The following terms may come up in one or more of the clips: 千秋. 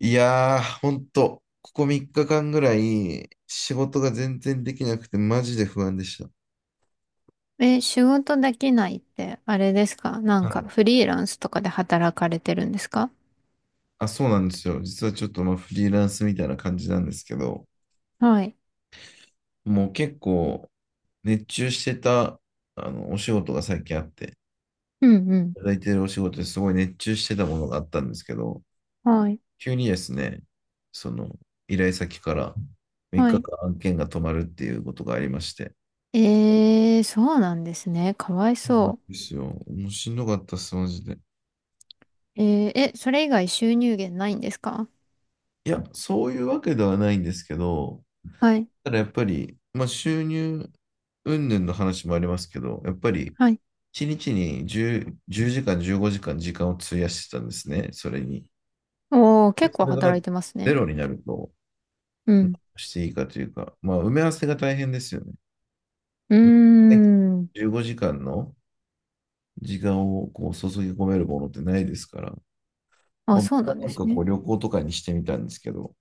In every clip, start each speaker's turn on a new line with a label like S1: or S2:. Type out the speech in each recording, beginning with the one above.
S1: いやー、ほんと、ここ3日間ぐらい仕事が全然できなくてマジで不安でした。
S2: え、仕事できないって、あれですか？なん
S1: は
S2: か、
S1: い。
S2: フリーランスとかで働かれてるんですか？
S1: あ、そうなんですよ。実はちょっとまあフリーランスみたいな感じなんですけど、
S2: はい。
S1: もう結構熱中してたあのお仕事が最近あって、
S2: うんうん。
S1: いただいてるお仕事ですごい熱中してたものがあったんですけど、
S2: はい。
S1: 急にですね、その依頼先から3
S2: はい。
S1: 日間案件が止まるっていうことがありまして、
S2: えー、そうなんですね。かわい
S1: そうなん
S2: そ
S1: ですよ。もうしんどかったっす、マジで。
S2: う。えー、え、それ以外収入源ないんですか？
S1: いや、そういうわけではないんですけど、
S2: はい。
S1: ただやっぱり、まあ、収入云々の話もありますけど、やっぱり
S2: はい。
S1: 1日に10、時間、15時間を費やしてたんですね、それに。
S2: おー、結
S1: でそ
S2: 構
S1: れが
S2: 働いてます
S1: ゼ
S2: ね。
S1: ロになると、
S2: う
S1: 何
S2: ん。
S1: をしていいかというか、まあ、埋め合わせが大変ですよね。
S2: うー
S1: ね。
S2: ん。
S1: 15時間の時間をこう注ぎ込めるものってないですから、ま
S2: あ、
S1: あ、僕
S2: そう
S1: は
S2: なんで
S1: なん
S2: す
S1: かこ
S2: ね。
S1: う旅行とかにしてみたんですけど、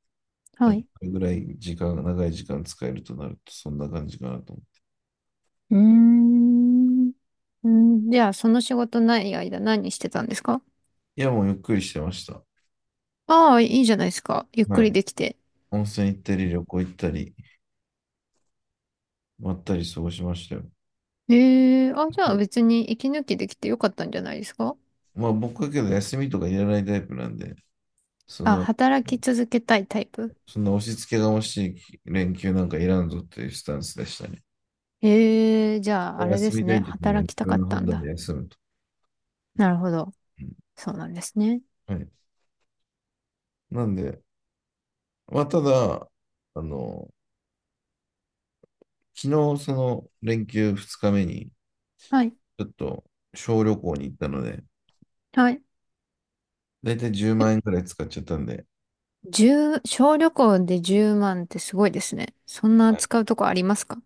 S1: や
S2: は
S1: っぱ
S2: い。
S1: りぐらい時間、長い時間使えるとなると、そんな感じかなと思う。
S2: うーん。うん、じゃあ、その仕事ない間何してたんですか？
S1: いや、もうゆっくりしてました。
S2: ああー、いいじゃないですか。ゆっく
S1: は
S2: り
S1: い。
S2: できて。
S1: 温泉行ったり、旅行行ったり、まったり過ごしましたよ。
S2: ええ、あ、
S1: い
S2: じゃ
S1: や、
S2: あ別に息抜きできてよかったんじゃないですか？
S1: まあ僕はけど休みとかいらないタイプなんで、そん
S2: あ、
S1: な、
S2: 働き続けたいタイプ？
S1: そんな押し付けがましい連休なんかいらんぞっていうスタンスでしたね。
S2: ええ、じゃあ、あれで
S1: 休み
S2: す
S1: た
S2: ね。
S1: い時には
S2: 働
S1: 自
S2: きたか
S1: 分
S2: っ
S1: の
S2: た
S1: 判
S2: ん
S1: 断で
S2: だ。
S1: 休むと。
S2: なるほど。
S1: うん。
S2: そうなんですね。
S1: はい。なんで、まあただ、あの、昨日その連休2日目に、
S2: はい。
S1: ちょっと小旅行に行ったので、
S2: はい。
S1: だいたい10
S2: え
S1: 万円くらい使っちゃったんで、
S2: じゅう小旅行で10万ってすごいですね。そんな
S1: はい。
S2: 使うとこありますか？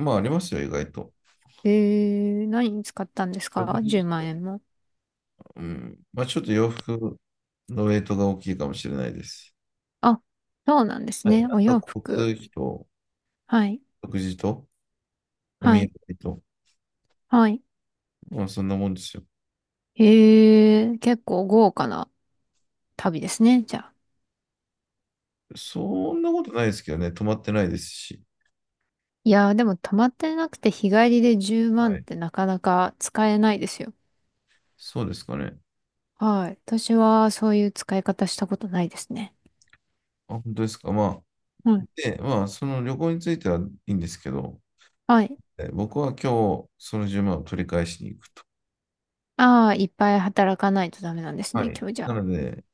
S1: まあありますよ、意外と。
S2: ええ、何に使ったんです
S1: 食
S2: か？ 10
S1: 事。
S2: 万円も。
S1: うん。まあ、ちょっと洋服のウェイトが大きいかもしれないです。
S2: あ、そうなんです
S1: はい。
S2: ね。
S1: あ
S2: お
S1: と
S2: 洋
S1: は
S2: 服。
S1: 交通費と、
S2: はい。
S1: 食事と、お土
S2: は
S1: 産
S2: い。
S1: と、
S2: はい。
S1: まあ、そんなもんですよ。
S2: ええ、結構豪華な旅ですね、じゃあ。
S1: そんなことないですけどね、泊まってないですし。
S2: いやー、でも溜まってなくて日帰りで10万
S1: は
S2: っ
S1: い。
S2: てなかなか使えないですよ。
S1: そうですかね。
S2: はい。私はそういう使い方したことないですね。
S1: あ、本当ですか。まあ、
S2: はい。
S1: で、まあ、その旅行についてはいいんですけど、
S2: はい。
S1: 僕は今日、その1万を取り返しに行くと。
S2: ああ、いっぱい働かないとダメなんです
S1: は
S2: ね、
S1: い。
S2: 今日じ
S1: な
S2: ゃあ。
S1: ので、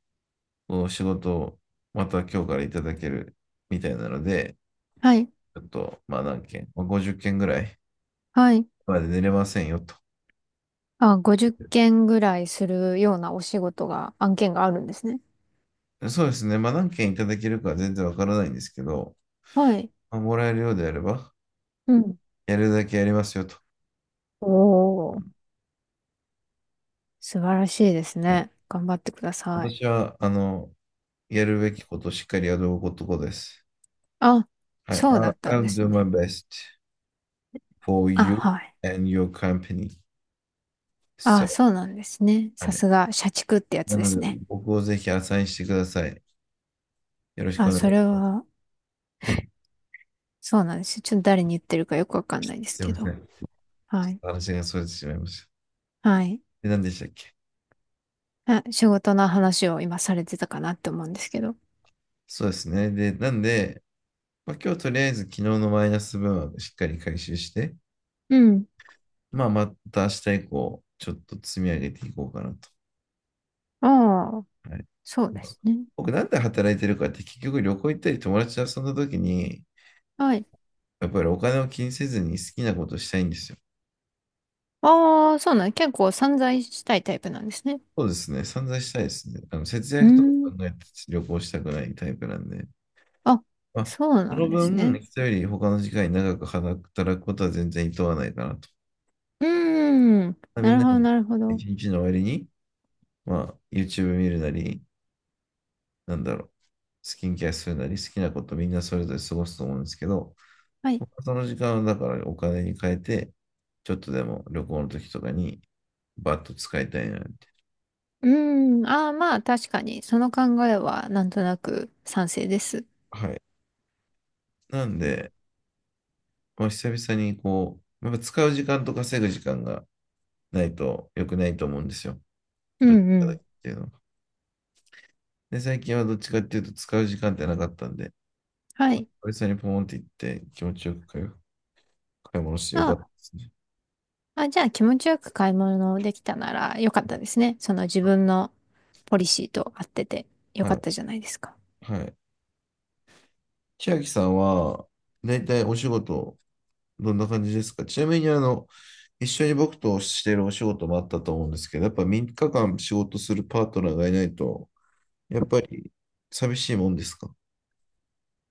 S1: こう仕事をまた今日からいただけるみたいなので、
S2: はい。
S1: ちょっと、まあ何件、まあ、50件ぐらい
S2: はい。
S1: まで寝れませんよと。
S2: あ、50件ぐらいするようなお仕事が、案件があるんですね。
S1: そうですね。まあ何件いただけるかは全然わからないんですけど、
S2: はい。
S1: まあもらえるようであれば、
S2: うん。
S1: やるだけやりますよと。
S2: おー、素晴らしいです
S1: はい。
S2: ね。頑張ってください。
S1: 私は、やるべきことをしっかりやることです。
S2: あ、
S1: はい。
S2: そうだったんで
S1: I'll
S2: す
S1: do my
S2: ね。
S1: best for
S2: あ、
S1: you
S2: はい。
S1: and your company. So,
S2: あ、そうなんですね。
S1: は
S2: さ
S1: い。
S2: すが、社畜ってやつ
S1: な
S2: で
S1: の
S2: す
S1: で、
S2: ね。
S1: 僕をぜひアサインしてください。よろしくお
S2: あ、
S1: 願い
S2: そ
S1: し
S2: れ
S1: ます。
S2: は、そうなんですよ。ちょっと誰に言ってるかよくわかんないです
S1: すい
S2: け
S1: ませ
S2: ど。
S1: ん。ちょ
S2: は
S1: っ
S2: い。
S1: と話が逸れてしまいました。
S2: はい。
S1: で、何でしたっけ？
S2: あ、仕事の話を今されてたかなって思うんですけど。
S1: そうですね。で、なんで、まあ、今日とりあえず昨日のマイナス分はしっかり回収して、
S2: うん。
S1: まあ、また明日以降、ちょっと積み上げていこうかなと。
S2: ああ、
S1: はい、
S2: そうですね。
S1: 僕、なんで働いてるかって、結局旅行行ったり友達と遊んだ時に、
S2: はい。
S1: やっぱりお金を気にせずに好きなことしたいんですよ。
S2: ああ、そうなん、結構散財したいタイプなんですね。
S1: そうですね、散々したいですね。節
S2: うー
S1: 約とか
S2: ん。
S1: 考えて旅行したくないタイプなんで。
S2: あ、
S1: まあ、
S2: そう
S1: そ
S2: な
S1: の
S2: んです
S1: 分、
S2: ね。
S1: 人より他の時間に長く働くことは全然厭わないかなと。
S2: うーん。
S1: み
S2: な
S1: ん
S2: る
S1: な
S2: ほど、
S1: に
S2: なるほど。
S1: 一日の終わりに、まあ、YouTube 見るなり、なんだろう、スキンケアするなり好きなことみんなそれぞれ過ごすと思うんですけど、
S2: はい。
S1: その時間をだからお金に変えて、ちょっとでも旅行の時とかにバッと使いたいなって。
S2: うーん。ああ、まあ、確かに、その考えはなんとなく賛成です。
S1: はい。なんで、まあ、久々にこう、やっぱ使う時間と稼ぐ時間がないと良くないと思うんですよ。
S2: う
S1: どっち
S2: んう
S1: かだけ
S2: ん。
S1: っていうのが。で、最近はどっちかっていうと使う時間ってなかったんで、
S2: はい。
S1: 久々にポーンって行って気持ちよく買い物してよかったで
S2: あ
S1: すね。
S2: あ、じゃあ気持ちよく買い物できたならよかっ
S1: は
S2: た
S1: い。
S2: ですね。その自分のポリシーと合っててよ
S1: は
S2: かっ
S1: い。
S2: たじゃないですか。
S1: はい。千秋さんは、だいたいお仕事、どんな感じですか？ちなみに、一緒に僕としてるお仕事もあったと思うんですけど、やっぱ3日間仕事するパートナーがいないと、やっぱり寂しいもんですか？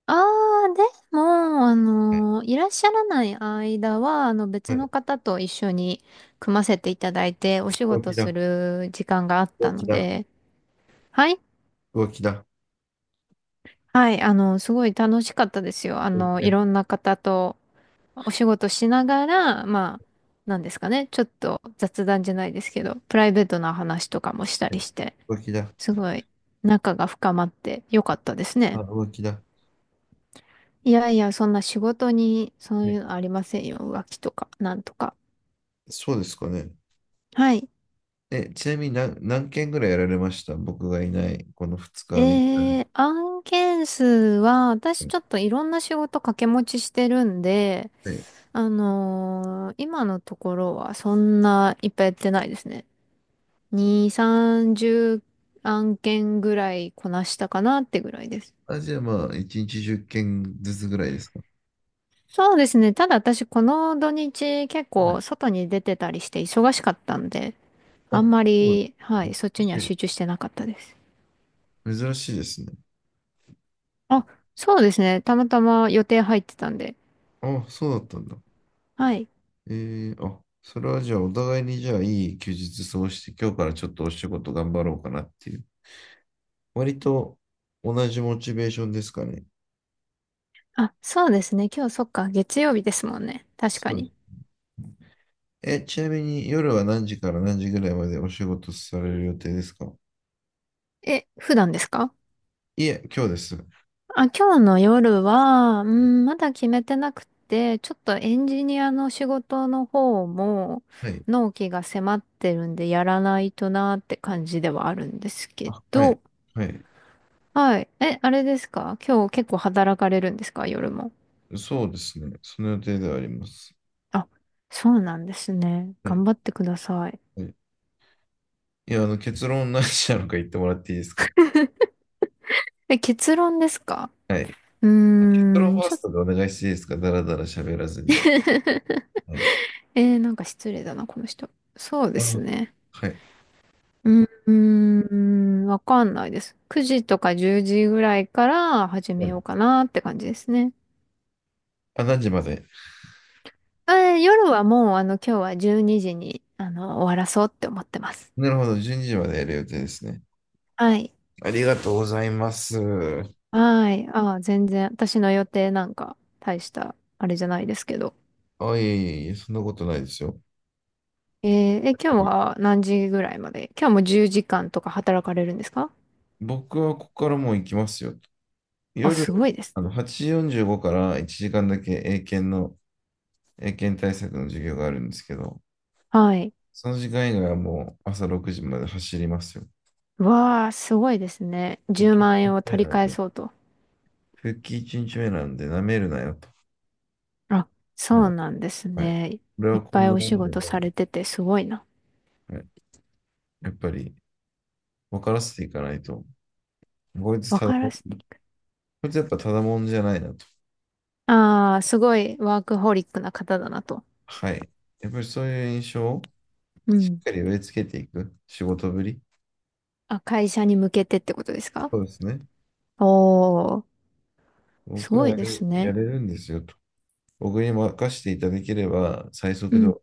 S2: ああ、でも、あ
S1: はい。
S2: の、いらっしゃらない間は、あの、
S1: は
S2: 別
S1: い。
S2: の方と一緒に組ませていただいて、お仕
S1: 浮
S2: 事
S1: 気
S2: す
S1: だ、
S2: る時間があっ
S1: 浮
S2: た
S1: 気
S2: の
S1: だ、
S2: で、はい、
S1: 浮気だ、
S2: はい、あの、すごい楽しかったですよ。あ
S1: 浮気
S2: の、い
S1: だ、
S2: ろんな方とお仕事しながら、まあ、なんですかね、ちょっと雑談じゃないですけど、プライベートな話とかもした
S1: は
S2: り
S1: い、
S2: して。
S1: 浮気だ、
S2: すごい仲が深まってよかったですね。
S1: あ、浮気だ。
S2: いやいや、そんな仕事にそう
S1: は
S2: い
S1: い。
S2: うのありませんよ。浮気とか、なんとか。
S1: そうですかね。
S2: はい。
S1: え、ちなみに何件ぐらいやられました？僕がいない、この2日、3日で。
S2: 案件数は、私ちょっといろんな仕事掛け持ちしてるんで、
S1: はい。
S2: 今のところはそんないっぱいやってないですね。2、30案件ぐらいこなしたかなってぐらいです。
S1: あ、じゃあまあ、1日10件ずつぐらいですか？
S2: そうですね。ただ私この土日結
S1: は
S2: 構
S1: い。
S2: 外に出てたりして忙しかったんで、
S1: あ、
S2: あん
S1: そ
S2: ま
S1: うなん
S2: り、はい、そっ
S1: で
S2: ちには
S1: すね。
S2: 集中してなかったです。
S1: 珍しい。珍しいですね。
S2: あ、そうですね。たまたま予定入ってたんで。
S1: あ、そうだったんだ。
S2: はい。
S1: あ、それはじゃあお互いにじゃあいい休日過ごして、今日からちょっとお仕事頑張ろうかなっていう。割と同じモチベーションですかね。
S2: あ、そうですね。今日そっか、月曜日ですもんね。確か
S1: そうで
S2: に。
S1: す。え、ちなみに夜は何時から何時ぐらいまでお仕事される予定ですか？
S2: え、普段ですか？
S1: いえ、今日です。
S2: あ、今日の夜は、うん、まだ決めてなくて、ちょっとエンジニアの仕事の方も、
S1: はい。
S2: 納期が迫ってるんで、やらないとなーって感じではあるんですけ
S1: あ、はい。
S2: ど、
S1: はい。
S2: はい。え、あれですか？今日結構働かれるんですか？夜も。
S1: そうですね。その予定ではあります。
S2: あ、そうなんですね。
S1: はい。
S2: 頑張ってください。
S1: はい。いや、結論何時なのか言ってもらっていいですか？
S2: え、結論ですか？
S1: はい。
S2: う
S1: 結
S2: ー
S1: 論
S2: ん、
S1: ファー
S2: ちょっ
S1: ス
S2: と
S1: トでお願いしていいですか？だらだら喋らずに。はい。
S2: えー、なんか失礼だな、この人。そうですね。
S1: はい。
S2: うーん、わかんないです。9時とか10時ぐらいから始
S1: は
S2: め
S1: い。
S2: ようかなって感じですね。
S1: あ、何時まで？
S2: 夜はもう、あの、今日は12時に、終わらそうって思ってます。
S1: なるほど、12時までやる予定ですね。
S2: はい。
S1: ありがとうございます。
S2: はい。ああ、全然、私の予定なんか、大した、あれじゃないですけど。
S1: あ、いえいえいえ、そんなことないですよ。
S2: ええ、今日は何時ぐらいまで、今日も10時間とか働かれるんですか？
S1: 僕はここからもう行きますよ。
S2: あ、
S1: 夜、
S2: すごいですね。
S1: 8時45から1時間だけ英検対策の授業があるんですけど、
S2: はい。
S1: その時間以外はもう朝6時まで走りますよ。
S2: わあ、すごいですね。
S1: 復
S2: 10
S1: 帰1
S2: 万円
S1: 日
S2: を
S1: 目
S2: 取り
S1: なん
S2: 返
S1: で、
S2: そうと。
S1: 復帰1日目なんで、舐めるなよと。
S2: あ、
S1: は
S2: そう
S1: い。
S2: なんです
S1: はい。
S2: ね。
S1: これ
S2: い
S1: は
S2: っ
S1: こ
S2: ぱ
S1: ん
S2: い
S1: な
S2: お
S1: も
S2: 仕
S1: のじゃ
S2: 事
S1: ない。
S2: されててすごいな。
S1: はい。やっぱり、分からせていかないと、こいつ
S2: わ
S1: た
S2: からせていく。
S1: これってやっぱただもんじゃないなと。
S2: ああ、すごいワークホリックな方だなと。
S1: はい。やっぱりそういう印象を
S2: う
S1: し
S2: ん。
S1: っかり植え付けていく仕事ぶり。
S2: あ、会社に向けてってことですか？
S1: そうですね。
S2: おー、す
S1: 僕は
S2: ごいです
S1: や
S2: ね。
S1: れるんですよと。僕に任せていただければ最
S2: う
S1: 速で
S2: ん。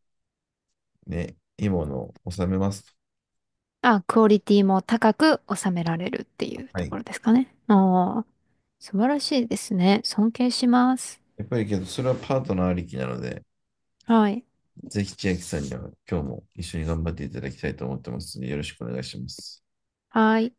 S1: ね、いいものを収めますと。
S2: あ、クオリティも高く収められるっていう
S1: は
S2: とこ
S1: い。
S2: ろですかね。あー、素晴らしいですね。尊敬します。
S1: やっぱりけど、それはパートナーありきなので、
S2: はい。
S1: ぜひ千秋さんには今日も一緒に頑張っていただきたいと思ってますので、よろしくお願いします。
S2: はい。